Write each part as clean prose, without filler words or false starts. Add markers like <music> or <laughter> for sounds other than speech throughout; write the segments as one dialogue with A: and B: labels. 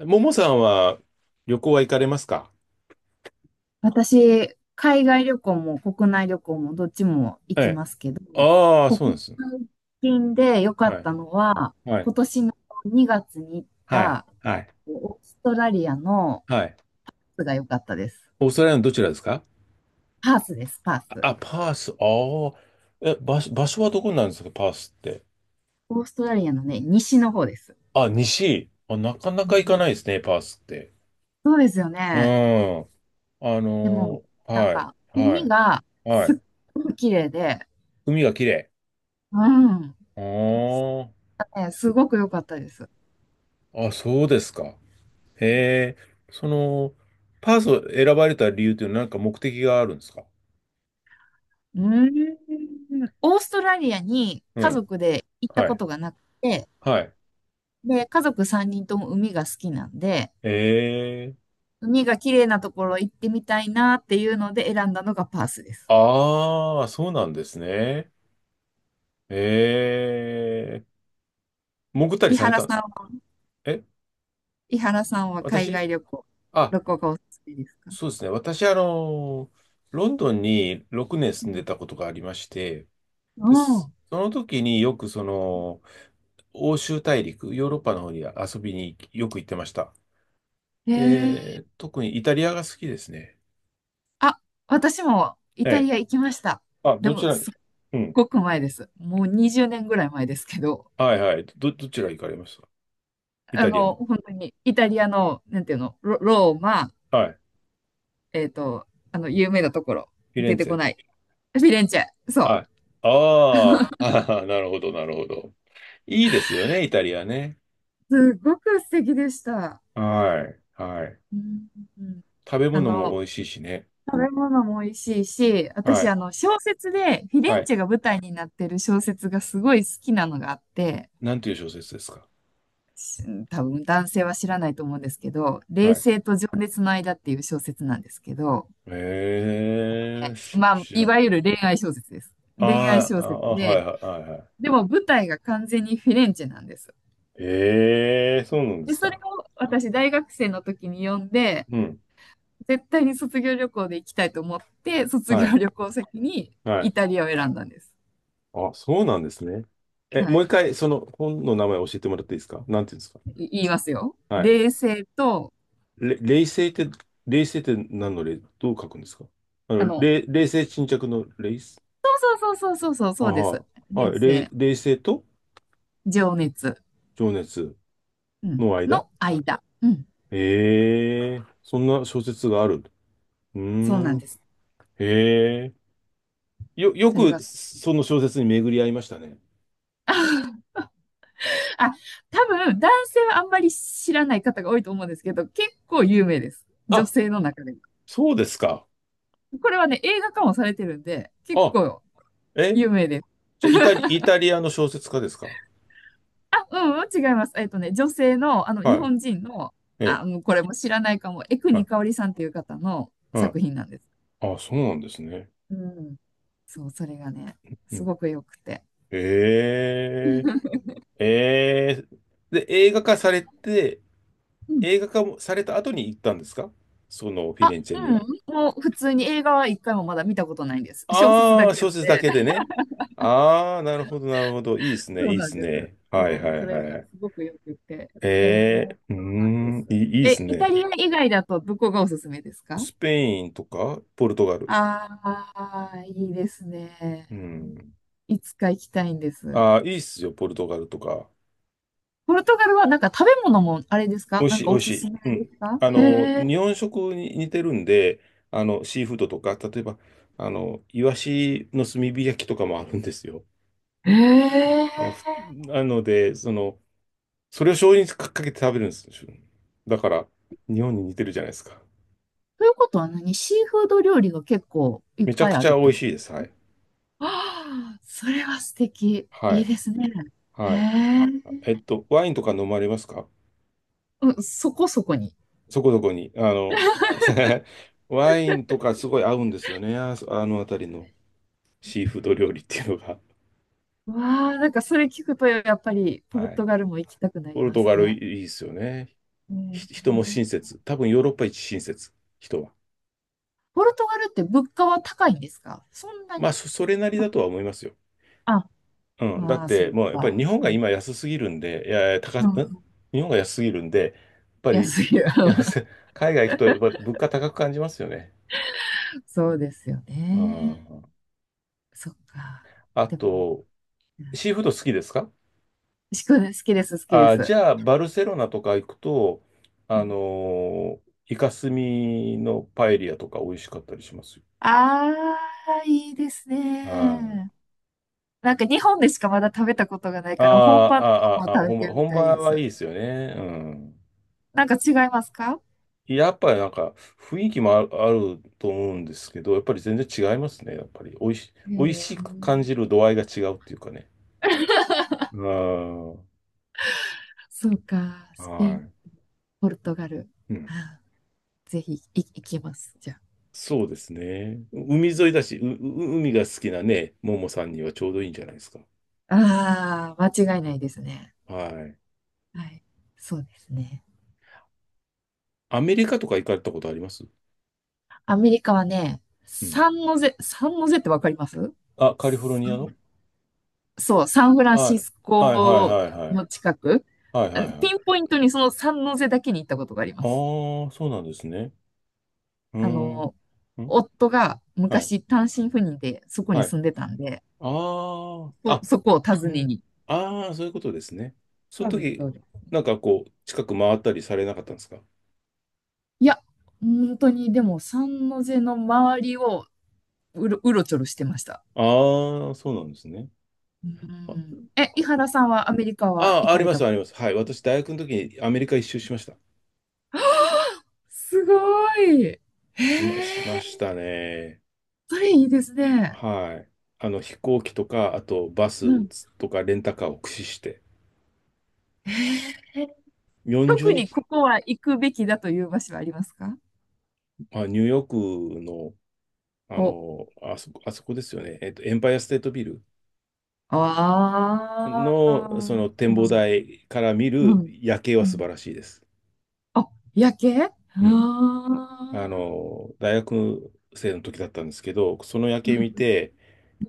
A: ももさんは旅行は行かれますか？
B: 私、海外旅行も国内旅行もどっちも
A: え
B: 行き
A: え。
B: ますけど、
A: ああ、そうな
B: 国
A: んです。
B: 内近で良か
A: は
B: っ
A: い。
B: たのは、
A: はい。
B: 今年の2月に行っ
A: はい。
B: た
A: はい。
B: オーストラリアの
A: はい。
B: が良かったです。
A: オーストラリアのどちらですか？
B: パースです、パース。
A: あ、パース。ああ。え、場所はどこになるんですかパースって？
B: オーストラリアのね、西の方です。
A: あ、西。あ、なかな
B: う
A: か行かない
B: ん、
A: ですね、パースって。
B: そうですよ
A: う
B: ね。
A: ん。
B: でも、
A: はい。は
B: 海
A: い。
B: が
A: は
B: すっ
A: い。
B: ごく綺麗で、
A: 海が綺麗。
B: うん、
A: あ
B: ねすごく良かったです。
A: あ。あ、そうですか？へえ。その、パースを選ばれた理由というのは何か目的があるんですか？
B: うーん。オーストラリアに
A: う
B: 家
A: ん。
B: 族で行った
A: は
B: こ
A: い。
B: とがなくて、
A: はい。
B: で、家族3人とも海が好きなんで、
A: ええ。
B: 海が綺麗なところ行ってみたいなっていうので選んだのがパースです。
A: ああ、そうなんですね。ええ、潜ったり
B: 伊
A: され
B: 原
A: たんです
B: さん
A: か？
B: は、
A: え、
B: 伊原さんは海
A: 私。
B: 外旅行、
A: あ、
B: どこがおすすめですか？
A: そうですね。私、ロンドンに6年
B: う
A: 住んで
B: ん。
A: たことがありまして、
B: お
A: で
B: ー、
A: す。その時によくその、欧州大陸、ヨーロッパの方に遊びによく行ってました。
B: へえ、
A: で、特にイタリアが好きですね。
B: あ、私もイ
A: え
B: タ
A: え。
B: リア行きました。
A: あ、
B: で
A: どち
B: も、
A: らに。
B: すっ
A: うん。
B: ごく前です。もう20年ぐらい前ですけど、
A: はいはい。どちら行かれました？イ
B: あ
A: タリア
B: の、
A: の。
B: 本当にイタリアの、なんていうの、ロ、ローマ、
A: はい。
B: あの、有名なところ、
A: フィレ
B: 出
A: ン
B: て
A: ツ
B: こ
A: ェ。
B: ない。フィレンチェ。そう。
A: はい。ああ、あー <laughs> なるほど、なるほど。いいですよね、イタリアね。
B: すごく素敵でした。
A: はい、はい。
B: うん、うん、
A: 食べ
B: あ
A: 物
B: の、
A: も美味しいしね。
B: 食べ物も美味しいし、
A: は
B: 私、あ
A: い、
B: の、小説で、フィレ
A: は
B: ン
A: い。
B: チェが舞台になってる小説がすごい好きなのがあって、
A: なんていう小説ですか？
B: し多分男性は知らないと思うんですけど、
A: は
B: 冷
A: い。
B: 静と情熱の間っていう小説なんですけど、
A: ええー、
B: まあ、
A: 知ら
B: い
A: ん。
B: わゆる恋愛小説です。恋愛
A: あー
B: 小
A: あ、
B: 説
A: ああ、は
B: で、
A: い、はい、はい。はい。
B: でも舞台が完全にフィレンチェなんです。
A: ええー、そうなんで
B: で、
A: す
B: それ
A: か？
B: を私、大学生の時に読んで、
A: うん。
B: 絶対に卒業旅行で行きたいと思って、卒
A: は
B: 業
A: い、
B: 旅行先に
A: はい。
B: イタリアを選んだんです。
A: あ、そうなんですね。え、
B: は
A: も
B: い。
A: う一回、その本の名前教えてもらっていいですか、なんていうんですか？
B: い言いますよ。
A: はい。
B: 冷静と、
A: 冷静って、冷静って何の冷、どう書くんですか？
B: あの、
A: 冷静沈着の冷静。
B: そうそうそうそうそう、
A: あ、
B: そうです。
A: はい。
B: 冷
A: はい。
B: 静、
A: 冷静と
B: 情熱、
A: 情熱
B: うん、
A: の間。
B: の間。うん。
A: ええ、そんな小説がある。う
B: そうな
A: ー
B: ん
A: ん。
B: です。
A: へえ。よ
B: それが、
A: くその小説に巡り合いましたね。
B: <laughs> あ、多分、男性はあんまり知らない方が多いと思うんですけど、結構有名です。女
A: あ、
B: 性の中でも。
A: そうですか。
B: これはね、映画化もされてるんで、結
A: あ、
B: 構
A: え、
B: 有名です。
A: じゃあイタリアの小説家ですか？
B: あ、うん、違います。女性の、あの、日
A: は
B: 本人の、
A: い。ええ。
B: あ、もうこれも知らないかも、江国
A: は
B: 香織さんという方の
A: い。はい。
B: 作品なんです。
A: あ、そうなんですね。
B: うん。そう、それがね、
A: う
B: す
A: ん。
B: ごく良くて。
A: へえ。ええ、で、映画化されて、
B: うん。
A: 映画化もされた後に行ったんですか、そのフィ
B: あ、
A: レンチェには。
B: うん。もう普通に映画は一回もまだ見たことないんです。小説
A: あ
B: だ
A: あ、
B: けな
A: 小
B: の
A: 説だ
B: で。
A: けで
B: <laughs>
A: ね。ああ、なるほど、なるほど。いいですね、
B: そ
A: い
B: う
A: いで
B: なん
A: す
B: です。
A: ね。は
B: そ
A: い
B: う、
A: は
B: そ
A: い
B: れが
A: は
B: す
A: い。
B: ごく良くて。えー、
A: ええ、うー
B: そうなんです。
A: ん、いいで
B: え、
A: す
B: イタリ
A: ね。
B: ア以外だとどこがおすすめですか？
A: スペインとか、ポルトガル。
B: ああー、いいですね。
A: うん。
B: いつか行きたいんです。
A: ああ、いいっすよ、ポルトガルとか。
B: ポルトガルはなんか食べ物もあれです
A: 美
B: か？
A: 味
B: なん
A: しい、
B: か
A: 美
B: お
A: 味し
B: すすめ
A: い。う
B: で
A: ん。
B: すか？へ
A: 日本食に似てるんで、シーフードとか、例えば、イワシの炭火焼きとかもあるんですよ。
B: え、へえ。
A: あのふなので、その、それを醤油にかけて食べるんですよ。だから、日本に似てるじゃないですか。
B: ということは何シーフード料理が結構いっ
A: めちゃ
B: ぱい
A: く
B: あ
A: ち
B: る
A: ゃ
B: っ
A: 美
B: て
A: 味
B: こと？
A: しいです。はい。
B: ああ、それは素敵。
A: は
B: いい
A: い。
B: ですね。へ
A: はい。
B: え。
A: えっと、ワインとか飲まれますか？
B: うん、そこそこに。
A: そこそこに。<laughs> ワインとかすごい合うんですよね。ああの辺りのシーフード料理っていうのが。
B: わあ、なんかそれ聞くとやっぱりポル
A: は
B: ト
A: い。
B: ガルも行きたくなり
A: ポル
B: ま
A: ト
B: す
A: ガルい
B: ね。
A: いですよね。
B: へ
A: 人も親
B: え。
A: 切。多分ヨーロッパ一親切、人は。
B: ポルトガルって物価は高いんですか？そんな
A: まあ、
B: に？
A: それなりだとは思いますよ。
B: あ、
A: うん。だっ
B: ああ、そ
A: て、
B: う
A: もうやっぱり日
B: か。
A: 本
B: う
A: が
B: ん、
A: 今安すぎるんで、いやいや、高
B: う
A: す、ん
B: ん、
A: 日本が安すぎるんで、やっぱり、
B: 安いよ。
A: <laughs> いや、せ海外行くとやっぱり物価高く感じますよね。
B: <laughs> そうですよ
A: う
B: ね。
A: ん。
B: そっか。
A: あ
B: でも、
A: と、
B: うん、
A: シーフード好きですか？
B: 牛久好きです、好きで
A: あ、じ
B: す。
A: ゃあ、バルセロナとか行くと、
B: う
A: あの
B: ん、
A: ーイカスミのパエリアとか美味しかったりしますよ。
B: あー、いいです
A: はい。
B: ね。なんか日本でしかまだ食べたことがない
A: あー
B: から、本場のも
A: あー、あーあー、
B: 食べてみ
A: 本
B: たい
A: 場
B: で
A: はい
B: す。
A: いですよね。うん。
B: なんか違いますか？
A: やっぱりなんか雰囲気もある、あると思うんですけど、やっぱり全然違いますね。やっぱり
B: へ
A: 美味
B: え、
A: しく感じる度合いが違うっていうかね。あ
B: そうか。
A: あ、
B: スペイ
A: は
B: ン、
A: い。
B: ポルトガル。
A: うん。
B: あー、ぜひい行きます。じゃあ。
A: そうですね。う海
B: う
A: 沿いだし、う海が好きなね、ももさんにはちょうどいいんじゃないですか。
B: あ、あー、間違いないですね。
A: はい。
B: はい。そうですね。
A: アメリカとか行かれたことあります？
B: アメリカはね、
A: うん。
B: サンノゼ、サンノゼってわかります？
A: あ、カリフォルニアの。
B: そう、サンフラン
A: は
B: シ
A: い。
B: ス
A: はいはい
B: コ
A: はいはい。
B: の近く、
A: はいは
B: あ
A: いは
B: ピ
A: い。
B: ンポイントにその三ノ瀬だけに行ったことがあり
A: あ
B: ます。
A: あ、そうなんですね。うー
B: あ
A: ん。
B: の、
A: ん、
B: 夫が
A: はい。
B: 昔単身赴任でそこ
A: は
B: に
A: い。
B: 住んでたんで、
A: ああ、
B: そ、
A: あ、
B: そこを
A: う
B: 訪ね
A: ん。
B: に。
A: ああ、そういうことですね。その
B: そうです、そ
A: 時、
B: うです。
A: なんかこう、近く回ったりされなかったんですか？
B: いや、本当にでも三ノ瀬の周りをうろ、うろちょろしてました。
A: ああ、そうなんですね。
B: う
A: あ、
B: ん。え、伊原さんはアメリカは行
A: あ、あ
B: か
A: り
B: れ
A: ま
B: た
A: す、
B: こ
A: あり
B: と？
A: ます。はい。私、大学の時にアメリカ一周しました。
B: すごい。へ
A: しま
B: え、
A: したね。
B: それいいですね。
A: はい。飛行機とか、あとバス
B: うん。
A: とかレンタカーを駆使して、
B: え、
A: 40
B: 特に
A: 日、
B: ここは行くべきだという場所はありますか？
A: まあ、ニューヨークの、あ
B: お、
A: の、あそこ、あそこですよね。エンパイアステートビル
B: あ
A: の、その
B: あ、
A: 展望台から見
B: う
A: る
B: ん、
A: 夜景
B: う
A: は素晴
B: ん。
A: らしいです。
B: あ、夜景、あ、
A: うん。
B: あ
A: 大学生の時だったんですけど、その夜
B: ー、う
A: 景見
B: ん、
A: て、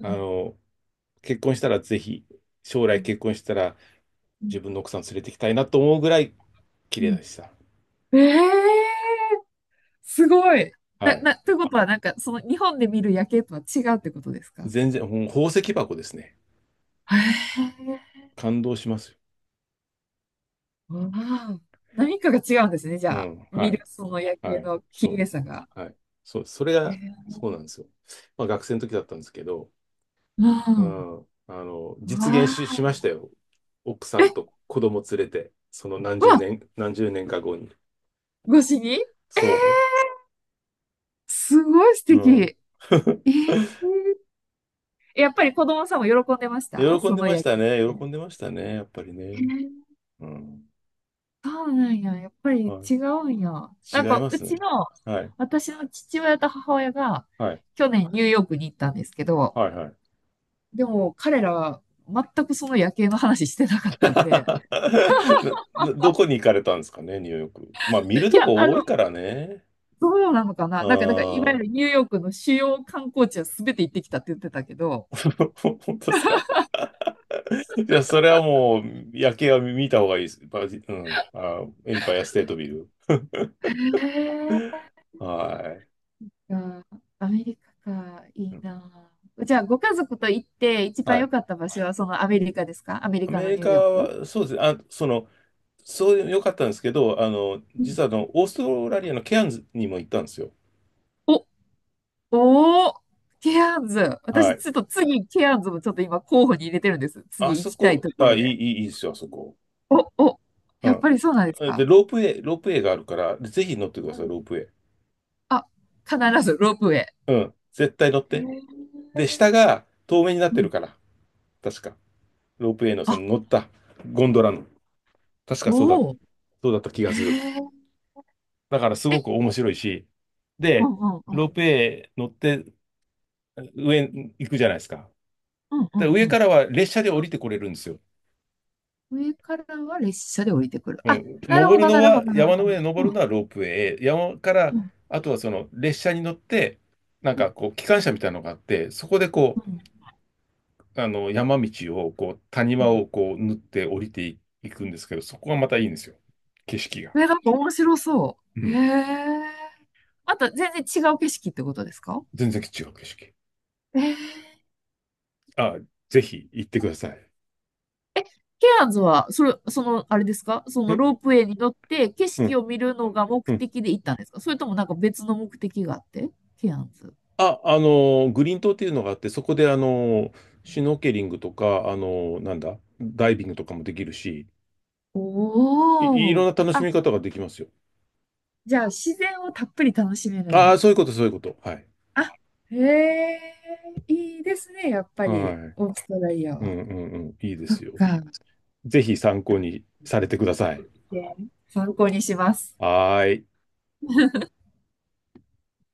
B: う
A: あ
B: ん、
A: の、結婚したらぜひ、将来結婚し
B: う
A: たら自分の
B: ん。
A: 奥さん連れてきたいなと思うぐらい綺
B: う
A: 麗
B: ん、
A: でした。
B: ええー、すごい。
A: は
B: な、
A: い。
B: な、ということは、なんか、その日本で見る夜景とは違うってことですか？
A: 全然、宝石箱ですね。
B: へえ、
A: 感動しますよ。
B: わあ、何かが違うんですね、じ
A: う
B: ゃあ。
A: ん。
B: 見
A: は
B: る
A: い。
B: その夜
A: は
B: 景
A: い。
B: の綺
A: そう。
B: 麗さが。
A: はい。そう。それ
B: へ
A: が、
B: え、
A: そうなんですよ。まあ学生の時だったんですけど、
B: う
A: う
B: ん。
A: ん。あの、
B: わ
A: 実現し、しました
B: あ。
A: よ。奥さ
B: え、う
A: んと子供連れて、その何十
B: わ、
A: 年、何十年か後に。
B: 越しに、
A: そ
B: すごい素
A: う。
B: 敵。
A: うん。<laughs>
B: えー、やっぱり子供さんも喜んでました
A: 喜
B: そ
A: んで
B: の
A: まし
B: 夜
A: た
B: 景っ
A: ね。
B: て。
A: 喜んでましたね。やっぱり
B: え
A: ね。
B: ー、
A: うん。
B: そうなんや。やっぱり
A: は
B: 違うんや。
A: い。
B: なん
A: 違い
B: か、
A: ま
B: う
A: す
B: ち
A: ね。
B: の、
A: はい。
B: 私の父親と母親が、
A: はい。
B: 去年ニューヨークに行ったんですけど、
A: はい。はい。
B: でも彼らは全くその夜景の話してなかっ
A: <laughs>
B: たんで、
A: どこに行かれたんですかね、ニューヨーク。まあ、見る
B: い
A: と
B: や、
A: こ
B: あ
A: 多
B: の、
A: いからね。
B: どうなのかな？なんか、だから、いわ
A: あ
B: ゆる
A: あ、
B: ニューヨークの主要観光地は全て行ってきたって言ってたけど、
A: <laughs> 本当ですか？いや、それはもう、夜景は見た方がいいです。うん。あ、エンパイアステートビル。
B: へえ、
A: はい。
B: あー、アメリカか、い
A: う
B: い
A: ん、
B: なあ。じゃあ、ご家族と行って一番
A: は
B: 良
A: い。
B: かった場所はそのアメリカですか？アメリ
A: ア
B: カ
A: メ
B: の
A: リ
B: ニュ
A: カ
B: ーヨーク？
A: は、そうですね。あ、その、そういう良かったんですけど、あの、
B: う
A: 実
B: ん、
A: はあの、オーストラリアのケアンズにも行ったんですよ。
B: お、おー、ケアンズ。
A: は
B: 私、
A: い。
B: ちょっと次、ケアンズもちょっと今候補に入れてるんです。
A: あ
B: 次行
A: そ
B: きたい
A: こ、
B: とこ
A: あ、
B: ろ
A: いい、い
B: で。
A: い、いいですよ、あそこ。
B: お、お、やっぱりそうなんです
A: うん。で、
B: か？
A: ロープウェイがあるから、ぜひ乗ってくだ
B: う
A: さい、ロ
B: ん、
A: ープウェイ。
B: あ、必ずロープウェ
A: 絶対乗っ
B: イ。へ
A: て。で、下
B: え、
A: が透明になっ
B: う
A: てる
B: ん。
A: から、確か。ロープウェイのそ
B: あ、
A: の乗ったゴンドラの、確かそうだ、
B: おお。
A: そうだった気が
B: へ
A: する。
B: え。
A: だからす
B: え、
A: ごく面白いし、
B: う
A: で、
B: んうんう
A: ロー
B: ん。
A: プウェイ乗って上に行くじゃないですか。
B: うんう
A: で、
B: ん
A: 上
B: う
A: か
B: ん。
A: らは列車で降りてこれるんですよ。
B: 上からは列車で降りてくる。
A: う
B: あ、
A: ん。
B: なる
A: 登
B: ほ
A: る
B: ど、
A: の
B: なるほ
A: は、
B: ど、なる
A: 山の
B: ほど。
A: 上に登るのはロープウェイ。山か
B: う
A: ら、
B: ん
A: あとはその列車に乗って、なん
B: うん
A: かこう、機関車みたいなのがあって、そこで
B: う
A: こ
B: ん、
A: う、山道を、こう、谷
B: う
A: 間
B: ん、
A: をこう、縫って降りていいくんですけど、そこがまたいいんですよ。景色が。
B: え、なんか面白そ
A: う
B: う。へ
A: ん。
B: え。また全然違う景色ってことですか？
A: 全然違う景色。
B: えー、
A: あ、ぜひ行ってください。
B: ケアンズは、それ、その、あれですか？そ
A: う
B: のロ
A: ん
B: ープウェイに乗って景
A: う
B: 色
A: ん
B: を見るのが目
A: うん。
B: 的で行ったんですか？それともなんか別の目的があって？ケアンズ。
A: あ、グリーン島っていうのがあって、そこで、シュノーケリングとか、あのなんだ、ダイビングとかもできるし、い
B: お
A: ろん
B: ー。
A: な楽し
B: あ、
A: み方ができますよ。
B: じゃあ自然をたっぷり楽しめるん
A: ああ、
B: や。
A: そういうこと、そういうこと。はい。
B: あ、へえ、いいですね、やっぱ
A: はい。
B: り、オー
A: う
B: ストラリア
A: んう
B: は。
A: んうん。いいで
B: そっ
A: すよ。
B: か。
A: ぜひ参考にされてください。
B: で参考にします。
A: はーい。